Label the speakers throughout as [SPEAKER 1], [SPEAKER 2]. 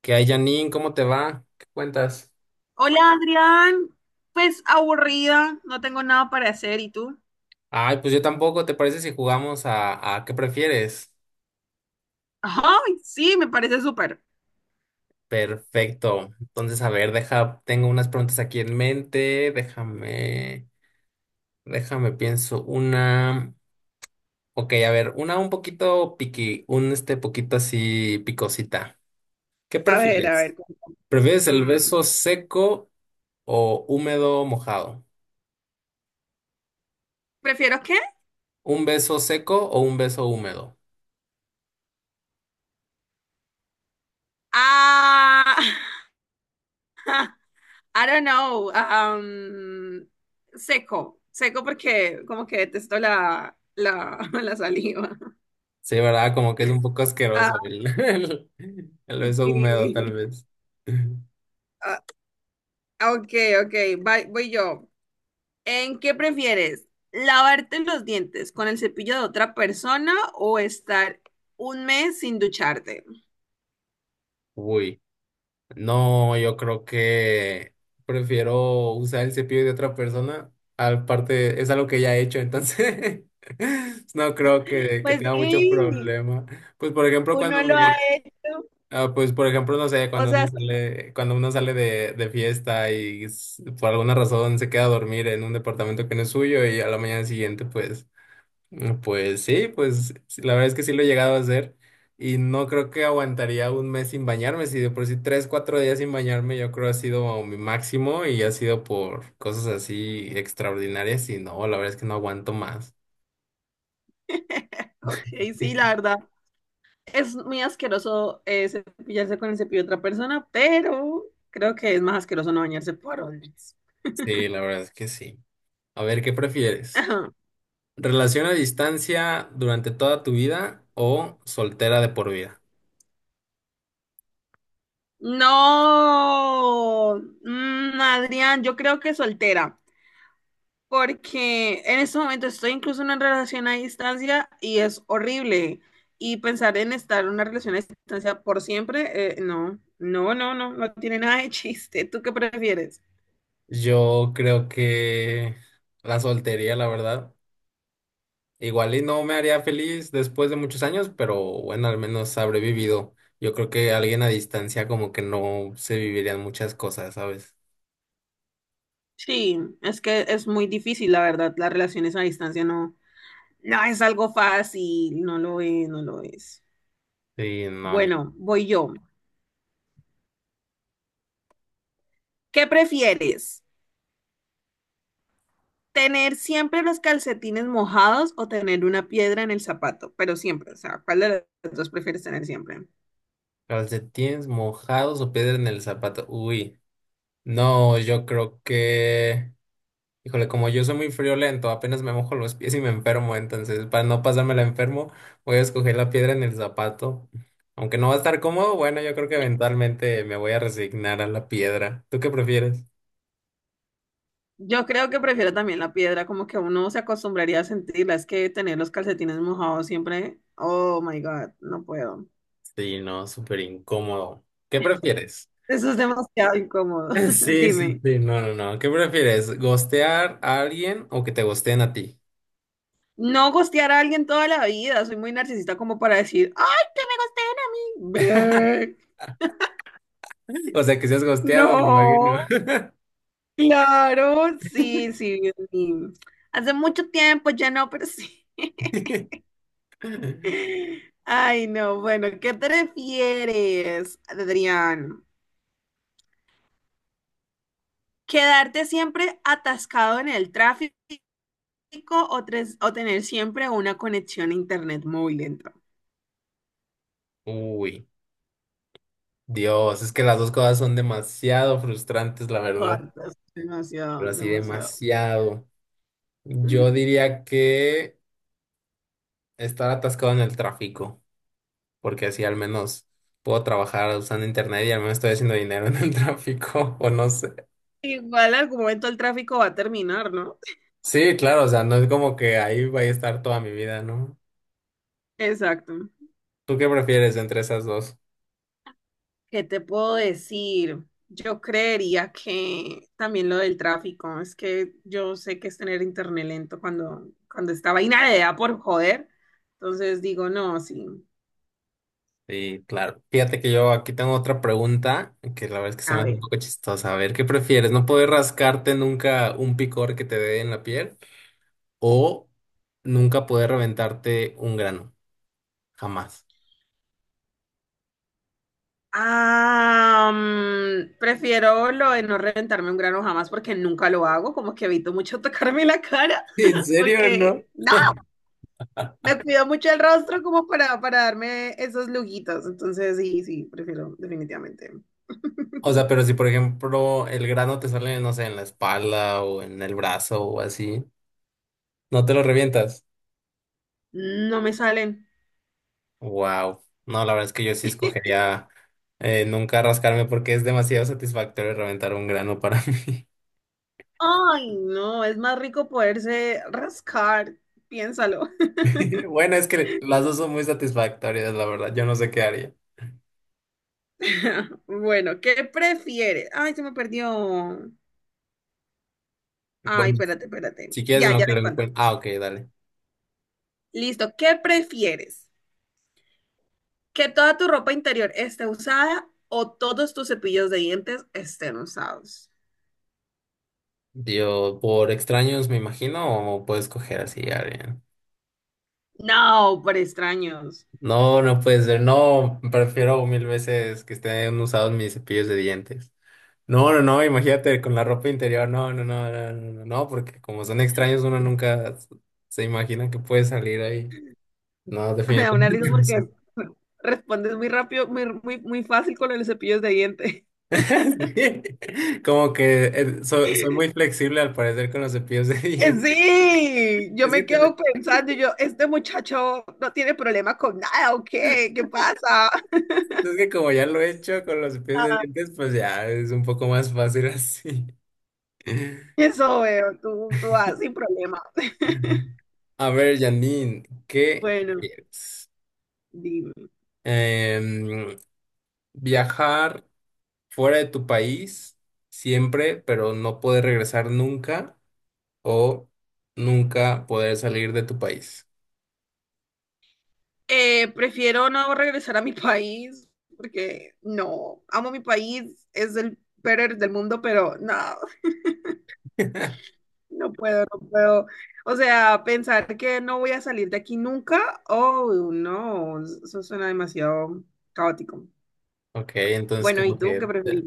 [SPEAKER 1] ¿Qué hay, Janine? ¿Cómo te va? ¿Qué cuentas?
[SPEAKER 2] Hola Adrián, pues aburrida, no tengo nada para hacer, ¿y tú?
[SPEAKER 1] Ay, pues yo tampoco. ¿Te parece si jugamos a qué prefieres?
[SPEAKER 2] Ay, sí, me parece súper.
[SPEAKER 1] Perfecto. Entonces, a ver, deja, tengo unas preguntas aquí en mente. Déjame, pienso una. Ok, a ver, una un poquito piqui, un poquito así picosita. ¿Qué
[SPEAKER 2] A ver, a
[SPEAKER 1] prefieres?
[SPEAKER 2] ver, cuéntame.
[SPEAKER 1] ¿Prefieres el
[SPEAKER 2] Mm,
[SPEAKER 1] beso seco o húmedo mojado?
[SPEAKER 2] ¿prefiero qué?
[SPEAKER 1] ¿Un beso seco o un beso húmedo?
[SPEAKER 2] Ah, I don't know. Seco, seco porque como que detesto la saliva.
[SPEAKER 1] Sí, ¿verdad? Como que es un poco
[SPEAKER 2] Ah,
[SPEAKER 1] asqueroso el, el beso húmedo, tal
[SPEAKER 2] sí.
[SPEAKER 1] vez.
[SPEAKER 2] Ah, ok, ok, voy yo. ¿En qué prefieres? ¿Lavarte los dientes con el cepillo de otra persona o estar 1 mes sin ducharte?
[SPEAKER 1] Uy, no, yo creo que prefiero usar el cepillo de otra persona. Aparte, es algo que ya he hecho, entonces no creo que
[SPEAKER 2] Pues
[SPEAKER 1] tenga mucho
[SPEAKER 2] sí,
[SPEAKER 1] problema. Pues, por ejemplo,
[SPEAKER 2] uno lo ha hecho.
[SPEAKER 1] pues, por ejemplo, no sé,
[SPEAKER 2] O
[SPEAKER 1] cuando
[SPEAKER 2] sea,
[SPEAKER 1] uno
[SPEAKER 2] sí,
[SPEAKER 1] sale, cuando uno sale de fiesta y por alguna razón se queda a dormir en un departamento que no es suyo y a la mañana siguiente, pues. Pues sí, la verdad es que sí lo he llegado a hacer y no creo que aguantaría un mes sin bañarme, si de por sí 3, 4 días sin bañarme yo creo ha sido mi máximo y ha sido por cosas así extraordinarias y no, la verdad es que no aguanto más.
[SPEAKER 2] ok, sí, la verdad. Es muy asqueroso, cepillarse con el cepillo de otra persona, pero creo que es más asqueroso no bañarse por 1 mes.
[SPEAKER 1] Sí, la verdad es que sí. A ver, ¿qué prefieres?
[SPEAKER 2] Ajá.
[SPEAKER 1] ¿Relación a distancia durante toda tu vida o soltera de por vida?
[SPEAKER 2] No, mm, Adrián, yo creo que soltera, porque en este momento estoy incluso en una relación a distancia y es horrible. Y pensar en estar en una relación a distancia por siempre, no, no, no, no, no tiene nada de chiste. ¿Tú qué prefieres?
[SPEAKER 1] Yo creo que la soltería, la verdad. Igual y no me haría feliz después de muchos años, pero bueno, al menos habré vivido. Yo creo que alguien a distancia como que no se vivirían muchas cosas, ¿sabes?
[SPEAKER 2] Sí, es que es muy difícil, la verdad, las relaciones a distancia no, no es algo fácil, no lo es, no lo es.
[SPEAKER 1] Sí, no, no.
[SPEAKER 2] Bueno, voy yo. ¿Qué prefieres? ¿Tener siempre los calcetines mojados o tener una piedra en el zapato? Pero siempre, o sea, ¿cuál de los dos prefieres tener siempre?
[SPEAKER 1] Calcetines mojados o piedra en el zapato. Uy, no, yo creo que... Híjole, como yo soy muy friolento, apenas me mojo los pies y me enfermo, entonces para no pasarme la enfermo, voy a escoger la piedra en el zapato. Aunque no va a estar cómodo, bueno, yo creo que eventualmente me voy a resignar a la piedra. ¿Tú qué prefieres?
[SPEAKER 2] Yo creo que prefiero también la piedra, como que uno se acostumbraría a sentirla. Es que tener los calcetines mojados siempre, oh my God, no puedo.
[SPEAKER 1] Sí, no, súper incómodo. ¿Qué prefieres?
[SPEAKER 2] Eso es demasiado incómodo.
[SPEAKER 1] Sí, sí,
[SPEAKER 2] Dime.
[SPEAKER 1] sí, no, no, no. ¿Qué prefieres? ¿Gostear a alguien o que te gosteen a ti?
[SPEAKER 2] No gostear a alguien toda la vida, soy muy narcisista como para decir, ¡ay, que me gosteen a mí! Ve,
[SPEAKER 1] O sea, que seas gosteado, me imagino.
[SPEAKER 2] no, claro, sí, sí, Dios mío. Hace mucho tiempo ya no, pero sí. Ay, no, bueno, ¿qué prefieres, Adrián? ¿Quedarte siempre atascado en el tráfico o, o tener siempre una conexión a internet muy lenta?
[SPEAKER 1] Uy, Dios, es que las dos cosas son demasiado frustrantes, la verdad.
[SPEAKER 2] Cortas,
[SPEAKER 1] Pero
[SPEAKER 2] demasiado,
[SPEAKER 1] así
[SPEAKER 2] demasiado.
[SPEAKER 1] demasiado. Yo diría que estar atascado en el tráfico, porque así al menos puedo trabajar usando internet y al menos estoy haciendo dinero en el tráfico, o no sé.
[SPEAKER 2] Igual algún momento el tráfico va a terminar, ¿no?
[SPEAKER 1] Sí, claro, o sea, no es como que ahí vaya a estar toda mi vida, ¿no?
[SPEAKER 2] Exacto.
[SPEAKER 1] ¿Tú qué prefieres entre esas dos?
[SPEAKER 2] ¿Qué te puedo decir? Yo creería que también lo del tráfico, es que yo sé que es tener internet lento cuando, cuando esta vaina de da por joder. Entonces digo, no, sí.
[SPEAKER 1] Sí, claro. Fíjate que yo aquí tengo otra pregunta que la verdad es que se me
[SPEAKER 2] A
[SPEAKER 1] hace un
[SPEAKER 2] ver.
[SPEAKER 1] poco chistosa. A ver, ¿qué prefieres? ¿No poder rascarte nunca un picor que te dé en la piel o nunca poder reventarte un grano? Jamás.
[SPEAKER 2] Ah, mm, prefiero lo de no reventarme un grano jamás porque nunca lo hago, como que evito mucho tocarme la cara,
[SPEAKER 1] ¿En serio, no?
[SPEAKER 2] porque me cuido mucho el rostro como para darme esos lujitos. Entonces, sí, sí, prefiero definitivamente.
[SPEAKER 1] O sea, pero si por ejemplo el grano te sale, no sé, en la espalda o en el brazo o así, ¿no te lo revientas?
[SPEAKER 2] No me salen.
[SPEAKER 1] Wow. No, la verdad es que yo sí escogería nunca rascarme porque es demasiado satisfactorio reventar un grano para mí.
[SPEAKER 2] Ay, no, es más rico poderse rascar. Piénsalo.
[SPEAKER 1] Bueno, es que las dos son muy satisfactorias, la verdad. Yo no sé qué haría.
[SPEAKER 2] Bueno, ¿qué prefieres? Ay, se me perdió. Ay,
[SPEAKER 1] Bueno,
[SPEAKER 2] espérate, espérate.
[SPEAKER 1] si quieres
[SPEAKER 2] Ya,
[SPEAKER 1] en lo
[SPEAKER 2] ya
[SPEAKER 1] que
[SPEAKER 2] te
[SPEAKER 1] lo
[SPEAKER 2] cuento.
[SPEAKER 1] encuentro. Ah, ok, dale.
[SPEAKER 2] Listo, ¿qué prefieres? ¿Que toda tu ropa interior esté usada o todos tus cepillos de dientes estén usados?
[SPEAKER 1] Yo, por extraños, me imagino, o puedes coger así a alguien.
[SPEAKER 2] No, por extraños.
[SPEAKER 1] No, no puede ser. No, prefiero mil veces que estén usados mis cepillos de dientes. No, no, no, imagínate con la ropa interior, no, no, no, no, no, no, no, porque como son extraños uno nunca se imagina que puede salir ahí. No,
[SPEAKER 2] Me da una risa
[SPEAKER 1] definitivamente no sé.
[SPEAKER 2] porque respondes muy rápido, muy fácil con los cepillos de diente.
[SPEAKER 1] Sí, como que soy muy flexible al parecer con los cepillos de dientes.
[SPEAKER 2] Sí, yo
[SPEAKER 1] Es que,
[SPEAKER 2] me quedo pensando, y yo, este muchacho no tiene problema con nada, ¿o qué? ¿Qué pasa?
[SPEAKER 1] es que como ya lo he hecho con los cepillos de dientes, pues ya es un poco más fácil así.
[SPEAKER 2] Eso veo, tú vas sin problema.
[SPEAKER 1] A ver, Janine, ¿qué
[SPEAKER 2] Bueno,
[SPEAKER 1] quieres?
[SPEAKER 2] dime.
[SPEAKER 1] Em, viajar fuera de tu país siempre, pero no poder regresar nunca o nunca poder salir de tu país.
[SPEAKER 2] Prefiero no regresar a mi país porque no, amo mi país, es el peor del mundo, pero no, no puedo, no puedo. O sea, pensar que no voy a salir de aquí nunca, oh, no, eso suena demasiado caótico.
[SPEAKER 1] Ok, entonces
[SPEAKER 2] Bueno, ¿y
[SPEAKER 1] como
[SPEAKER 2] tú
[SPEAKER 1] que,
[SPEAKER 2] qué preferís?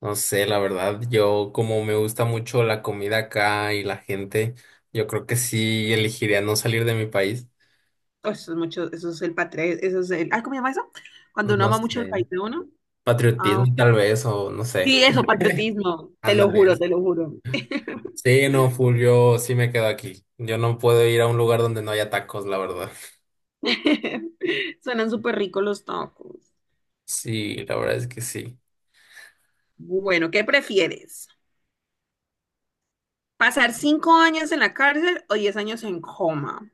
[SPEAKER 1] no sé, la verdad, yo como me gusta mucho la comida acá y la gente, yo creo que sí elegiría no salir de mi país.
[SPEAKER 2] Oh, eso es mucho, eso es el patriotismo, eso es el, ay, ¿cómo se llama eso? Cuando uno
[SPEAKER 1] No
[SPEAKER 2] ama mucho el país
[SPEAKER 1] sé,
[SPEAKER 2] de uno. Ah,
[SPEAKER 1] patriotismo tal vez o no sé,
[SPEAKER 2] sí, eso, patriotismo, te lo
[SPEAKER 1] ándale.
[SPEAKER 2] juro, te lo juro.
[SPEAKER 1] Sí, no, full, yo sí me quedo aquí. Yo no puedo ir a un lugar donde no haya tacos, la verdad.
[SPEAKER 2] Suenan súper ricos los tacos.
[SPEAKER 1] Sí, la verdad es que sí.
[SPEAKER 2] Bueno, ¿qué prefieres? ¿Pasar 5 años en la cárcel o 10 años en coma?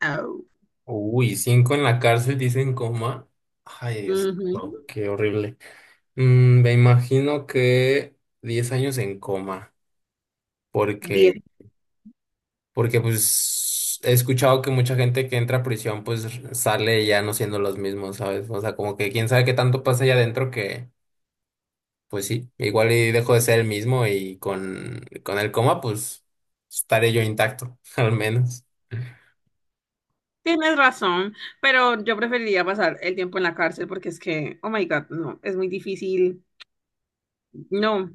[SPEAKER 2] Au.
[SPEAKER 1] Uy, 5 en la cárcel, dicen coma. Ay, Dios, no,
[SPEAKER 2] Ujú.
[SPEAKER 1] qué horrible. Me imagino que 10 años en coma, porque,
[SPEAKER 2] Diez.
[SPEAKER 1] porque pues he escuchado que mucha gente que entra a prisión pues sale ya no siendo los mismos, ¿sabes? O sea, como que quién sabe qué tanto pasa allá adentro que, pues sí, igual y dejo de ser el mismo y con el coma pues estaré yo intacto, al menos.
[SPEAKER 2] Tienes razón, pero yo preferiría pasar el tiempo en la cárcel porque es que, oh my God, no, es muy difícil. No,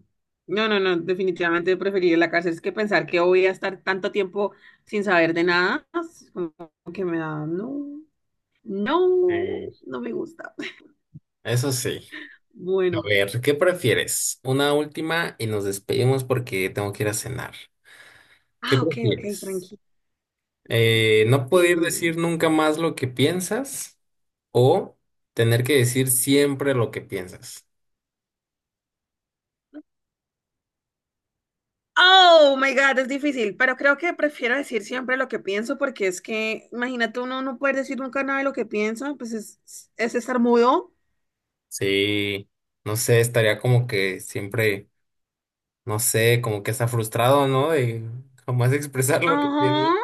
[SPEAKER 2] no, no, no, definitivamente preferiría la cárcel. Es que pensar que voy a estar tanto tiempo sin saber de nada, es como que me da, no, no,
[SPEAKER 1] Mm,
[SPEAKER 2] no me gusta.
[SPEAKER 1] Eso sí. A
[SPEAKER 2] Bueno,
[SPEAKER 1] ver, ¿qué prefieres? Una última y nos despedimos porque tengo que ir a cenar. ¿Qué
[SPEAKER 2] ah, ok, ok,
[SPEAKER 1] prefieres?
[SPEAKER 2] tranquilo,
[SPEAKER 1] ¿No poder
[SPEAKER 2] dime.
[SPEAKER 1] decir nunca más lo que piensas o tener que decir siempre lo que piensas?
[SPEAKER 2] Oh my God, es difícil, pero creo que prefiero decir siempre lo que pienso porque es que, imagínate uno no puede decir nunca nada de lo que piensa, pues es estar mudo.
[SPEAKER 1] Sí, no sé, estaría como que siempre, no sé, como que está frustrado, ¿no? De jamás expresar lo que piensas.
[SPEAKER 2] Ajá,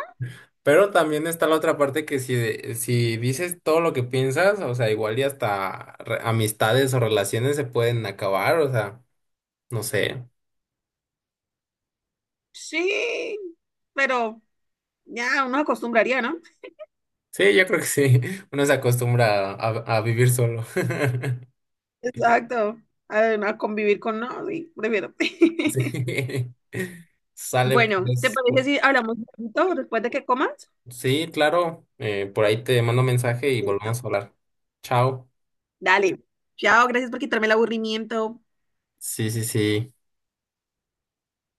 [SPEAKER 1] Pero también está la otra parte que si, si dices todo lo que piensas, o sea, igual y hasta amistades o relaciones se pueden acabar, o sea. No sé.
[SPEAKER 2] sí, pero ya uno acostumbraría, ¿no?
[SPEAKER 1] Sí, yo creo que sí. Uno se acostumbra a, vivir solo.
[SPEAKER 2] Exacto, a convivir con no, sí, prefiero.
[SPEAKER 1] Sí. Sale
[SPEAKER 2] Bueno, ¿te
[SPEAKER 1] pues.
[SPEAKER 2] parece
[SPEAKER 1] po-
[SPEAKER 2] si hablamos un poquito después de que comas?
[SPEAKER 1] Sí, claro. Por ahí te mando mensaje y
[SPEAKER 2] Listo.
[SPEAKER 1] volvemos a hablar. Chao.
[SPEAKER 2] Dale. Chao, gracias por quitarme el aburrimiento.
[SPEAKER 1] Sí, sí, sí.